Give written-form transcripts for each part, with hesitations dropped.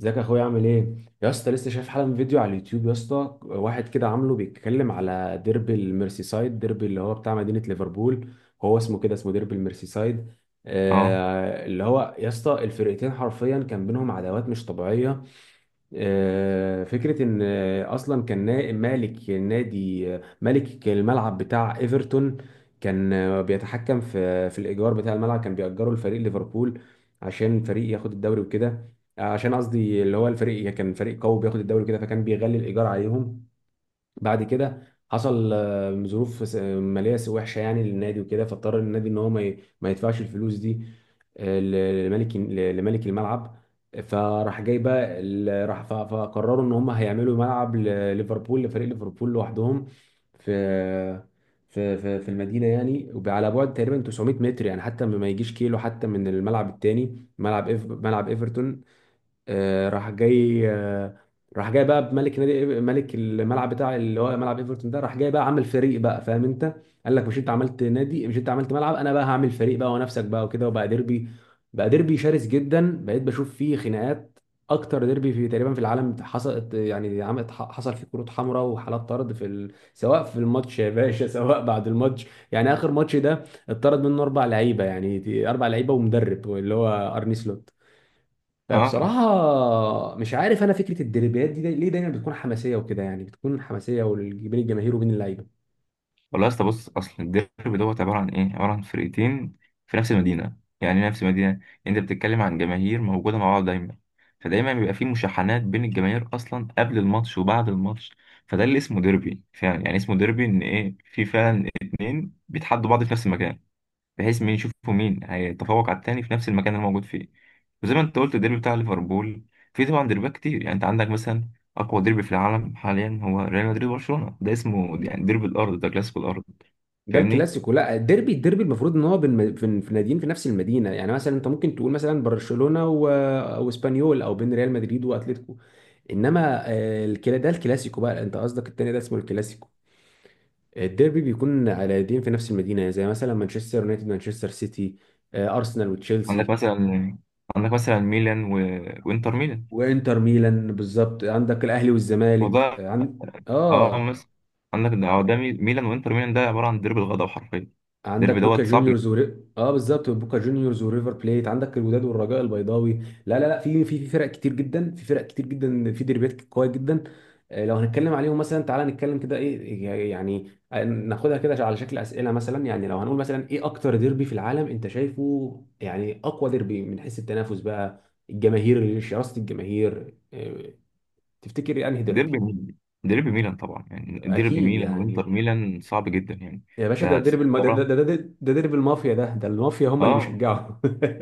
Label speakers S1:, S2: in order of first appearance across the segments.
S1: ازيك يا اخويا، عامل ايه؟ يا اسطى، لسه شايف حالا فيديو على اليوتيوب. يا اسطى، واحد كده عامله بيتكلم على ديربي الميرسيسايد، ديربي اللي هو بتاع مدينة ليفربول. هو اسمه كده، اسمه ديربي الميرسيسايد.
S2: اه،
S1: آه، اللي هو يا اسطى الفرقتين حرفيا كان بينهم عداوات مش طبيعية. فكرة إن أصلا كان مالك نادي، مالك الملعب بتاع إيفرتون. كان بيتحكم في الإيجار بتاع الملعب، كان بيأجره لفريق ليفربول عشان فريق ياخد الدوري وكده. عشان قصدي اللي هو الفريق كان فريق قوي بياخد الدوري وكده، فكان بيغلي الإيجار عليهم. بعد كده حصل ظروف ماليه وحشه يعني للنادي وكده، فاضطر النادي ان هو ما يدفعش الفلوس دي لملك، لملك الملعب. فراح جاي بقى راح فقرروا ان هم هيعملوا ملعب لليفربول، لفريق ليفربول لوحدهم، في في المدينه يعني، وب- على بعد تقريبا 900 متر يعني، حتى ما يجيش كيلو حتى من الملعب التاني، ملعب ملعب ايفرتون. راح جاي، راح جاي بقى بملك نادي، ملك الملعب بتاع اللي هو ملعب ايفرتون ده، راح جاي بقى عامل فريق بقى، فاهم انت؟ قال لك: مش انت عملت نادي؟ مش انت عملت ملعب؟ انا بقى هعمل فريق بقى ونفسك بقى وكده. وبقى ديربي، بقى ديربي شرس جدا، بقيت بشوف فيه خناقات. اكتر ديربي في تقريبا في العالم حصلت يعني، عملت حصل فيه كروت حمراء وحالات طرد سواء في الماتش يا باشا سواء بعد الماتش. يعني اخر ماتش ده اتطرد منه اربع لعيبه، يعني دي اربع لعيبه ومدرب اللي هو ارني سلوت.
S2: اه،
S1: فبصراحة مش عارف أنا، فكرة الديربيات دي ليه دايما بتكون حماسية وكده؟ يعني بتكون حماسية بين الجماهير وبين اللعيبة.
S2: والله يا اسطى، بص. اصل الديربي دوت عباره عن ايه؟ عباره عن فرقتين في نفس المدينه، يعني إيه نفس المدينه؟ انت بتتكلم عن جماهير موجوده مع بعض دايما، فدايما بيبقى في مشاحنات بين الجماهير اصلا قبل الماتش وبعد الماتش. فده اللي اسمه ديربي فعلا، يعني اسمه ديربي ان ايه؟ في فعلا اتنين بيتحدوا بعض في نفس المكان، بحيث مين يشوفوا مين هيتفوق على التاني في نفس المكان اللي موجود فيه. وزي ما انت قلت الديربي بتاع ليفربول، في طبعا ديربيات كتير. يعني انت عندك مثلا اقوى ديربي في العالم حاليا هو ريال مدريد وبرشلونه، ده اسمه يعني ديربي الارض، ده كلاسيكو الارض.
S1: ده
S2: فاهمني؟
S1: الكلاسيكو، لا، الديربي، الديربي المفروض إن هو بين في ناديين في نفس المدينة، يعني مثلا أنت ممكن تقول مثلا برشلونة وإسبانيول، أو بين ريال مدريد وأتليتيكو. إنما الكلا، ده الكلاسيكو بقى، أنت قصدك التاني ده اسمه الكلاسيكو. الديربي بيكون على ناديين في نفس المدينة، زي مثلا مانشستر يونايتد مانشستر سيتي، أرسنال
S2: عندك
S1: وتشيلسي،
S2: مثلا عندك مثلا ميلان و... وانتر ميلان.
S1: وانتر ميلان بالظبط. عندك الاهلي
S2: هو
S1: والزمالك.
S2: ده.
S1: عن
S2: اه
S1: اه
S2: مثلا، عندك ده، هو ده ميلان وانتر ميلان، ده عباره عن ديربي الغضب حرفيا.
S1: عندك
S2: ديربي
S1: بوكا
S2: دوت صعب جدا.
S1: اه، بالظبط، بوكا جونيورز وريفر بليت، عندك الوداد والرجاء البيضاوي. لا لا لا، في فرق كتير جدا، في فرق كتير جدا، في ديربيات قويه جدا. لو هنتكلم عليهم مثلا، تعالى نتكلم كده ايه، يعني ناخدها كده على شكل اسئله مثلا. يعني لو هنقول مثلا، ايه اكتر ديربي في العالم انت شايفه؟ يعني اقوى ديربي من حيث التنافس بقى، الجماهير، شراسه الجماهير، تفتكر انهي ديربي؟
S2: ديربي ميلان ديربي ميلان طبعا، يعني ديربي
S1: اكيد
S2: ميلان
S1: يعني.
S2: وانتر ميلان صعب جدا يعني.
S1: يا
S2: انت
S1: باشا،
S2: هتستغرب.
S1: ده درب المافيا، ده المافيا هم اللي
S2: اه،
S1: بيشجعوا.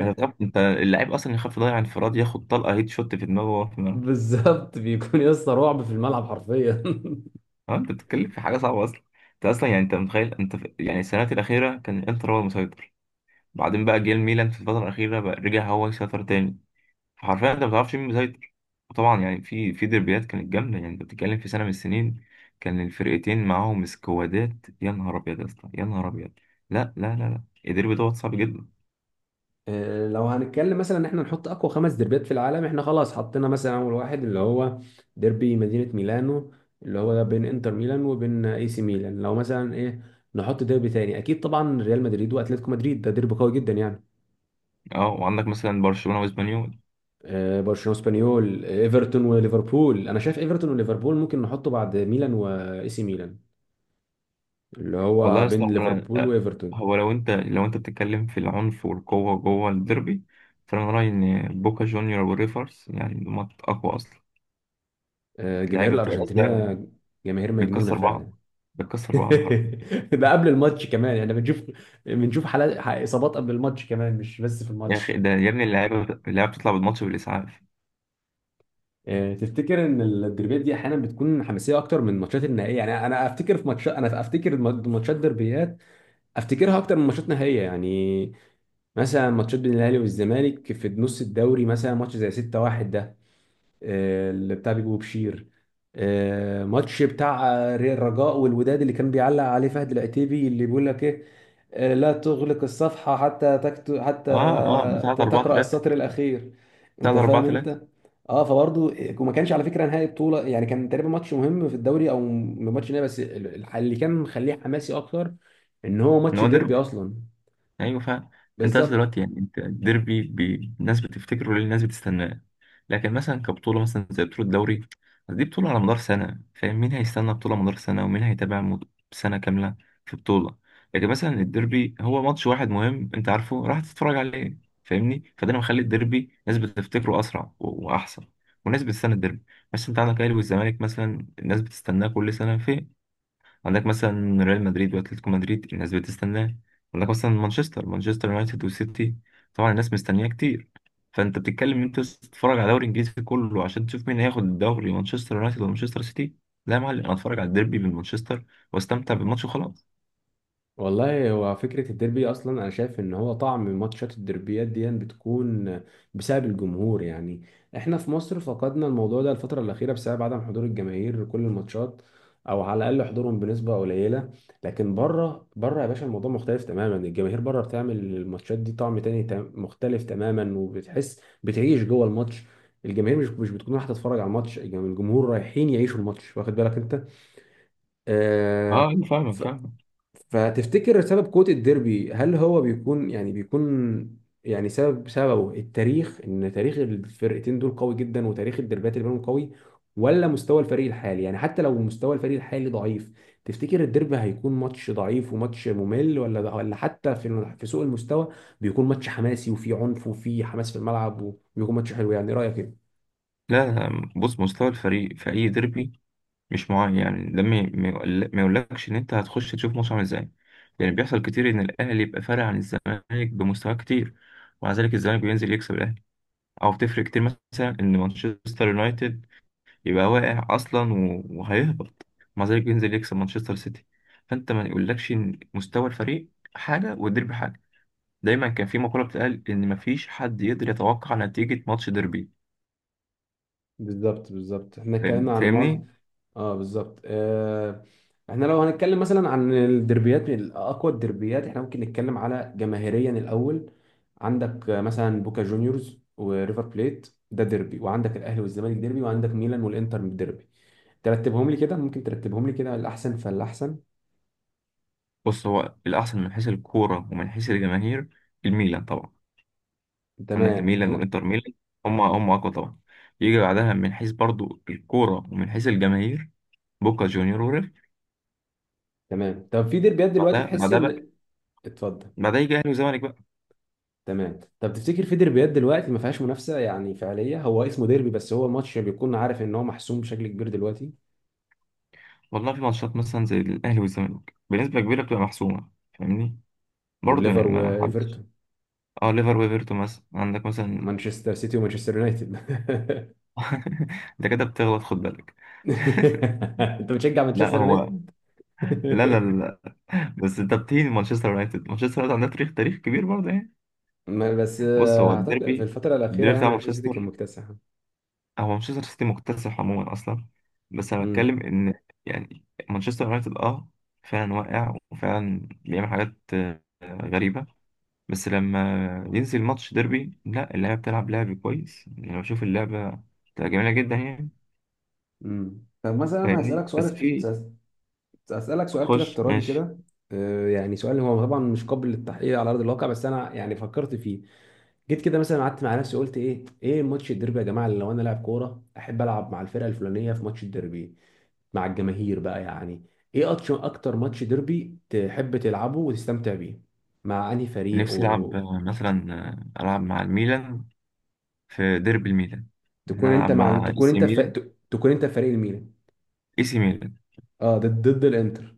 S2: انت تخاف، انت اللعيب اصلا يخاف يضيع انفراد، ياخد طلقه هيد شوت في دماغه وهو في الملعب.
S1: بالظبط، بيكون يا اسطى رعب في الملعب حرفيا.
S2: اه، انت بتتكلم في حاجه صعبه اصلا. انت اصلا يعني، انت متخيل انت يعني، السنوات الاخيره كان الانتر هو المسيطر، بعدين بقى جه الميلان في الفتره الاخيره بقى رجع هو يسيطر تاني. فحرفيا انت ما بتعرفش مين مسيطر. وطبعا يعني في في دربيات كانت جامده، يعني انت بتتكلم في سنه من السنين كان الفرقتين معاهم سكوادات. يا نهار ابيض يا اسطى، يا نهار ابيض. لا، لا، لا، لا، الديربي دوت صعب جدا.
S1: لو هنتكلم مثلا ان احنا نحط اقوى خمس ديربيات في العالم، احنا خلاص حطينا مثلا اول واحد اللي هو ديربي مدينة ميلانو، اللي هو ده بين انتر ميلان وبين اي سي ميلان. لو مثلا ايه، نحط ديربي تاني، اكيد طبعا ريال مدريد واتلتيكو مدريد، ده ديربي قوي جدا يعني.
S2: اه وعندك مثلا برشلونه واسبانيول.
S1: برشلونه واسبانيول، ايفرتون وليفربول. انا شايف ايفرتون وليفربول ممكن نحطه بعد ميلان واي سي ميلان، اللي
S2: والله
S1: هو
S2: يا اسطى،
S1: بين
S2: هو
S1: ليفربول
S2: أنا،
S1: وايفرتون.
S2: هو لو انت، لو انت بتتكلم في العنف والقوه جوه الديربي، فانا رايي ان بوكا جونيور وريفرز يعني هما اقوى اصلا.
S1: الجماهير
S2: اللعيبه بتبقى نازله،
S1: الارجنتينيه جماهير مجنونه
S2: بتكسر بعض،
S1: فعلا.
S2: بتكسر بعض حرفيا.
S1: ده قبل الماتش كمان احنا بنشوف، بنشوف حالات اصابات قبل الماتش كمان، مش بس في
S2: يا اخي،
S1: الماتش.
S2: ده يا ابني اللعيبه بتطلع بالماتش بالاسعاف.
S1: تفتكر ان الدربيات دي احيانا بتكون حماسيه اكتر من الماتشات النهائيه؟ يعني انا افتكر في ماتشات، انا افتكر ماتشات دربيات افتكرها اكتر من ماتشات نهائيه يعني. مثلا ماتشات بين الاهلي والزمالك في نص الدوري، مثلا ماتش زي 6-1 ده، اللي بتاع بيبو بشير، ماتش بتاع الرجاء والوداد اللي كان بيعلق عليه فهد العتيبي اللي بيقول لك ايه، لا تغلق الصفحة حتى حتى
S2: اه، اه، بتاع 4
S1: تقرأ
S2: 3
S1: السطر الأخير.
S2: بتاع
S1: أنت فاهم
S2: 4-3.
S1: أنت؟ أه، فبرضه وما كانش على فكرة نهائي بطولة يعني، كان تقريبا ماتش مهم في الدوري أو ماتش نهائي، بس اللي كان مخليه حماسي أكتر إن هو
S2: ان
S1: ماتش
S2: هو
S1: ديربي
S2: ديربي.
S1: أصلا.
S2: ايوه فعلا. انت اصلا
S1: بالظبط.
S2: دلوقتي يعني، انت الديربي بي-، الناس بتفتكره ليه، الناس بتستناه. لكن مثلا كبطوله، مثلا زي بطوله الدوري، بس دي بطوله على مدار سنه، فاهم؟ مين هيستنى بطوله مدار سنه، ومين هيتابع مد- سنه كامله في بطوله؟ لكن مثلا الديربي هو ماتش واحد مهم، انت عارفه راح تتفرج عليه. فاهمني؟ فده اللي مخلي الديربي ناس بتفتكره اسرع و- واحسن، والناس بتستنى الديربي. بس انت عندك الاهلي والزمالك مثلا، الناس بتستناه كل سنه. فين عندك مثلا ريال مدريد واتلتيكو مدريد، الناس بتستناه. عندك مثلا مانشستر يونايتد وسيتي، طبعا الناس مستنياه كتير. فانت بتتكلم ان انت تتفرج على الدوري الانجليزي كله عشان تشوف مين هياخد الدوري، مانشستر يونايتد ولا مانشستر سيتي؟ لا يا معلم، انا اتفرج على الديربي من مانشستر واستمتع بالماتش وخلاص.
S1: والله، هو فكرة الديربي أصلا، أنا شايف إن هو طعم ماتشات الديربيات دي بتكون بسبب الجمهور يعني. إحنا في مصر فقدنا الموضوع ده الفترة الأخيرة بسبب عدم حضور الجماهير كل الماتشات، أو على الأقل حضورهم بنسبة قليلة. لكن بره، بره يا باشا، الموضوع مختلف تماما. الجماهير بره بتعمل الماتشات دي طعم تاني مختلف تماما، وبتحس بتعيش جوه الماتش. الجماهير مش بتكون رايحة تتفرج على الماتش، الجمهور رايحين يعيشوا الماتش، واخد بالك أنت؟
S2: اه،
S1: آه.
S2: أنا فاهمك فاهمك.
S1: فتفتكر سبب قوة الديربي هل هو بيكون سبب، سببه التاريخ؟ ان تاريخ الفرقتين دول قوي جدا وتاريخ الديربيات اللي بينهم قوي، ولا مستوى الفريق الحالي؟ يعني حتى لو مستوى الفريق الحالي ضعيف، تفتكر الديربي هيكون ماتش ضعيف وماتش ممل، ولا حتى في سوء المستوى بيكون ماتش حماسي وفيه عنف وفيه حماس في الملعب وبيكون ماتش حلو؟ يعني رأيك ايه؟
S2: لا، بص، مستوى الفريق في اي ديربي مش معين، يعني ده ما يقولكش ان انت هتخش تشوف ماتش عامل ازاي. يعني بيحصل كتير ان الاهلي يبقى فارق عن الزمالك بمستوى كتير، ومع ذلك الزمالك بينزل يكسب الاهلي. او بتفرق كتير مثلا ان مانشستر يونايتد يبقى واقع اصلا و- وهيهبط، مع ذلك بينزل يكسب مانشستر سيتي. فانت ما يقولكش ان مستوى الفريق حاجه والديربي حاجه. دايما كان في مقوله بتقال ان مفيش حد يقدر يتوقع نتيجه ماتش ديربي.
S1: بالظبط، بالظبط، احنا اتكلمنا عن
S2: فاهمني؟
S1: معظم. اه بالظبط، آه. احنا لو هنتكلم مثلا عن الدربيات، من اقوى الدربيات، احنا ممكن نتكلم على جماهيريا الاول. عندك مثلا بوكا جونيورز وريفر بليت ده ديربي، وعندك الاهلي والزمالك ديربي، وعندك ميلان والانتر ديربي. ترتبهم لي كده؟ ممكن ترتبهم لي كده الاحسن فالاحسن؟
S2: بص، هو الاحسن من حيث الكوره ومن حيث الجماهير، الميلان طبعا. عندك
S1: تمام،
S2: الميلان
S1: لا.
S2: والانتر ميلان، هم اقوى طبعا. يجي بعدها من حيث برضو الكوره ومن حيث الجماهير بوكا جونيور وريف.
S1: تمام، طب في ديربيات دلوقتي
S2: بعدها
S1: تحس
S2: بعدها بقى
S1: ان، اتفضل.
S2: بعدها يجي اهلي وزمالك بقى.
S1: تمام، طب تفتكر في ديربيات دلوقتي ما فيهاش منافسه يعني فعليه، هو اسمه ديربي بس هو ماتش بيكون عارف ان هو محسوم بشكل كبير دلوقتي؟
S2: والله، في ماتشات مثلا زي الأهلي والزمالك بنسبة كبيرة بتبقى محسومة. فاهمني؟ برضه يعني
S1: والليفر
S2: ما حدش.
S1: وايفرتون،
S2: اه ليفر وإيفرتون مثلا، عندك مثلا.
S1: مانشستر سيتي ومانشستر يونايتد.
S2: انت كده بتغلط، خد بالك.
S1: انت بتشجع
S2: لا
S1: مانشستر
S2: هو،
S1: يونايتد؟
S2: لا، لا، لا، لا، بس انت بتهين مانشستر يونايتد. مانشستر يونايتد عندها تاريخ كبير برضه يعني.
S1: بس
S2: بص، هو
S1: اعتقد في
S2: الديربي،
S1: الفتره الاخيره
S2: الديربي
S1: يعني
S2: بتاع
S1: مانشستر سيتي كان
S2: مانشستر،
S1: مكتسح.
S2: هو مانشستر سيتي مكتسح عموما اصلا. بس انا
S1: امم
S2: بتكلم ان يعني مانشستر يونايتد، اه، فعلا واقع وفعلا بيعمل حاجات غريبة، بس لما ينزل ماتش ديربي، لا، اللعبة بتلعب لعب كويس. يعني لو بشوف اللعبة بتبقى جميلة جدا يعني.
S1: طب مثلا
S2: فاهمني؟
S1: هسالك
S2: بس
S1: سؤال،
S2: في.
S1: اسالك سؤال كده
S2: خش
S1: افتراضي
S2: ماشي.
S1: كده. يعني سؤال هو طبعا مش قابل للتحقيق على ارض الواقع، بس انا يعني فكرت فيه. جيت كده مثلا قعدت مع نفسي، قلت ايه، ايه ماتش الديربي يا جماعه اللي لو انا لاعب كوره احب العب مع الفرقه الفلانيه في ماتش الديربي مع الجماهير بقى يعني؟ ايه اكتر، اكتر ماتش ديربي تحب تلعبه وتستمتع بيه مع انهي فريق،
S2: نفسي ألعب
S1: وتكون
S2: مثلا، ألعب مع الميلان في ديربي الميلان، يعني
S1: انت
S2: ألعب
S1: مع
S2: مع إي
S1: تكون
S2: سي
S1: انت ف...
S2: ميلان.
S1: تكون انت فريق الميلان؟
S2: إي سي ميلان
S1: اه، ضد الانتر.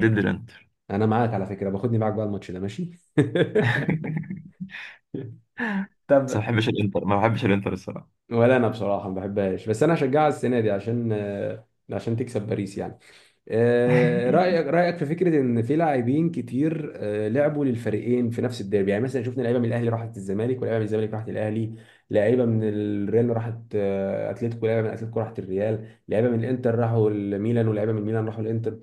S2: ضد الإنتر.
S1: انا معاك على فكره، باخدني معاك بقى الماتش ده، ماشي.
S2: بس ما
S1: طب،
S2: بحبش الإنتر، ما بحبش الإنتر الصراحة.
S1: ولا انا بصراحه ما بحبهاش، بس انا هشجعها السنه دي عشان عشان تكسب باريس يعني. رأيك في فكرة إن في لاعبين كتير لعبوا للفريقين في نفس الديربي؟ يعني مثلا شفنا لعيبة من الأهلي راحت الزمالك، ولاعيبة من الزمالك راحت الأهلي، لعيبة من الريال راحت أتلتيكو، لعيبة من أتلتيكو راحت الريال، لعيبة من الإنتر راحوا الميلان، ولعيبة من الميلان راحوا الإنتر.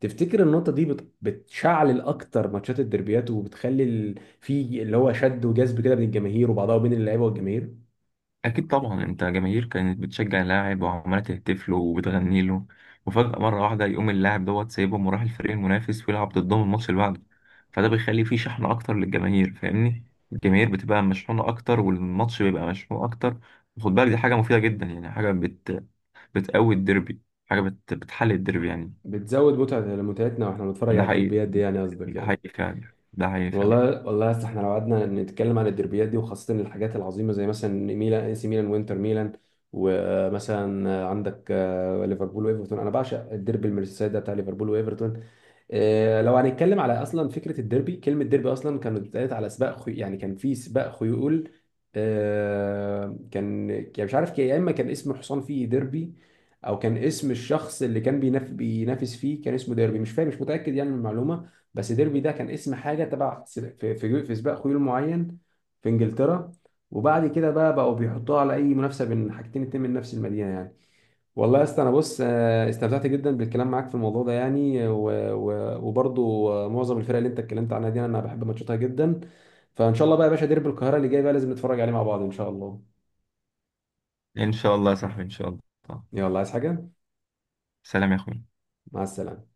S1: تفتكر النقطة دي بتشعل أكتر ماتشات الديربيات، وبتخلي في اللي هو شد وجذب كده بين الجماهير وبعضها وبين اللعيبة والجماهير؟
S2: أكيد طبعا. أنت جماهير كانت بتشجع اللاعب وعمالة تهتف له وبتغني له، وفجأة مرة واحدة يقوم اللاعب دوت سايبهم وراح الفريق المنافس ويلعب ضدهم الماتش اللي بعده. فده بيخلي فيه شحن أكتر للجماهير، فاهمني؟ الجماهير بتبقى مشحونة أكتر والماتش بيبقى مشحون أكتر. وخد بالك دي حاجة مفيدة جدا، يعني حاجة بتقوي الديربي، حاجة بتحل الديربي يعني.
S1: بتزود متعتنا واحنا بنتفرج
S2: ده
S1: على
S2: حقيقي،
S1: الديربيات دي يعني، قصدك
S2: ده
S1: يعني.
S2: حقيقي فعلا، ده حقيقي فعلا.
S1: والله، والله يا اسطى، احنا لو قعدنا نتكلم عن الدربيات دي وخاصة الحاجات العظيمة زي مثلا ميلان، اي سي ميلان وانتر ميلان، ومثلا عندك ليفربول وايفرتون. انا بعشق الديربي المرسيسايد ده بتاع ليفربول وايفرتون. لو هنتكلم على اصلا فكره الديربي، كلمه ديربي اصلا كانت اتقالت على سباق يعني كان في سباق خيول، كان يعني مش عارف، يا اما كان اسم حصان فيه ديربي، او كان اسم الشخص اللي كان بينافس فيه كان اسمه ديربي، مش فاهم، مش متاكد يعني من المعلومه. بس ديربي ده كان اسم حاجه تبع في سباق خيول معين في انجلترا، وبعد كده بقى بقوا بيحطوها على اي منافسه بين حاجتين اتنين من نفس المدينه يعني. والله يا اسطى، انا بص، استمتعت جدا بالكلام معاك في الموضوع ده يعني، وبرضو معظم الفرق اللي انت اتكلمت عنها دي انا بحب ماتشاتها جدا. فان شاء الله بقى يا باشا، ديربي القاهره اللي جاي بقى لازم نتفرج عليه مع بعض ان شاء الله.
S2: إن شاء الله يا صاحبي، إن شاء الله.
S1: يلا، عايز حاجه؟
S2: سلام يا أخوي.
S1: مع السلامه.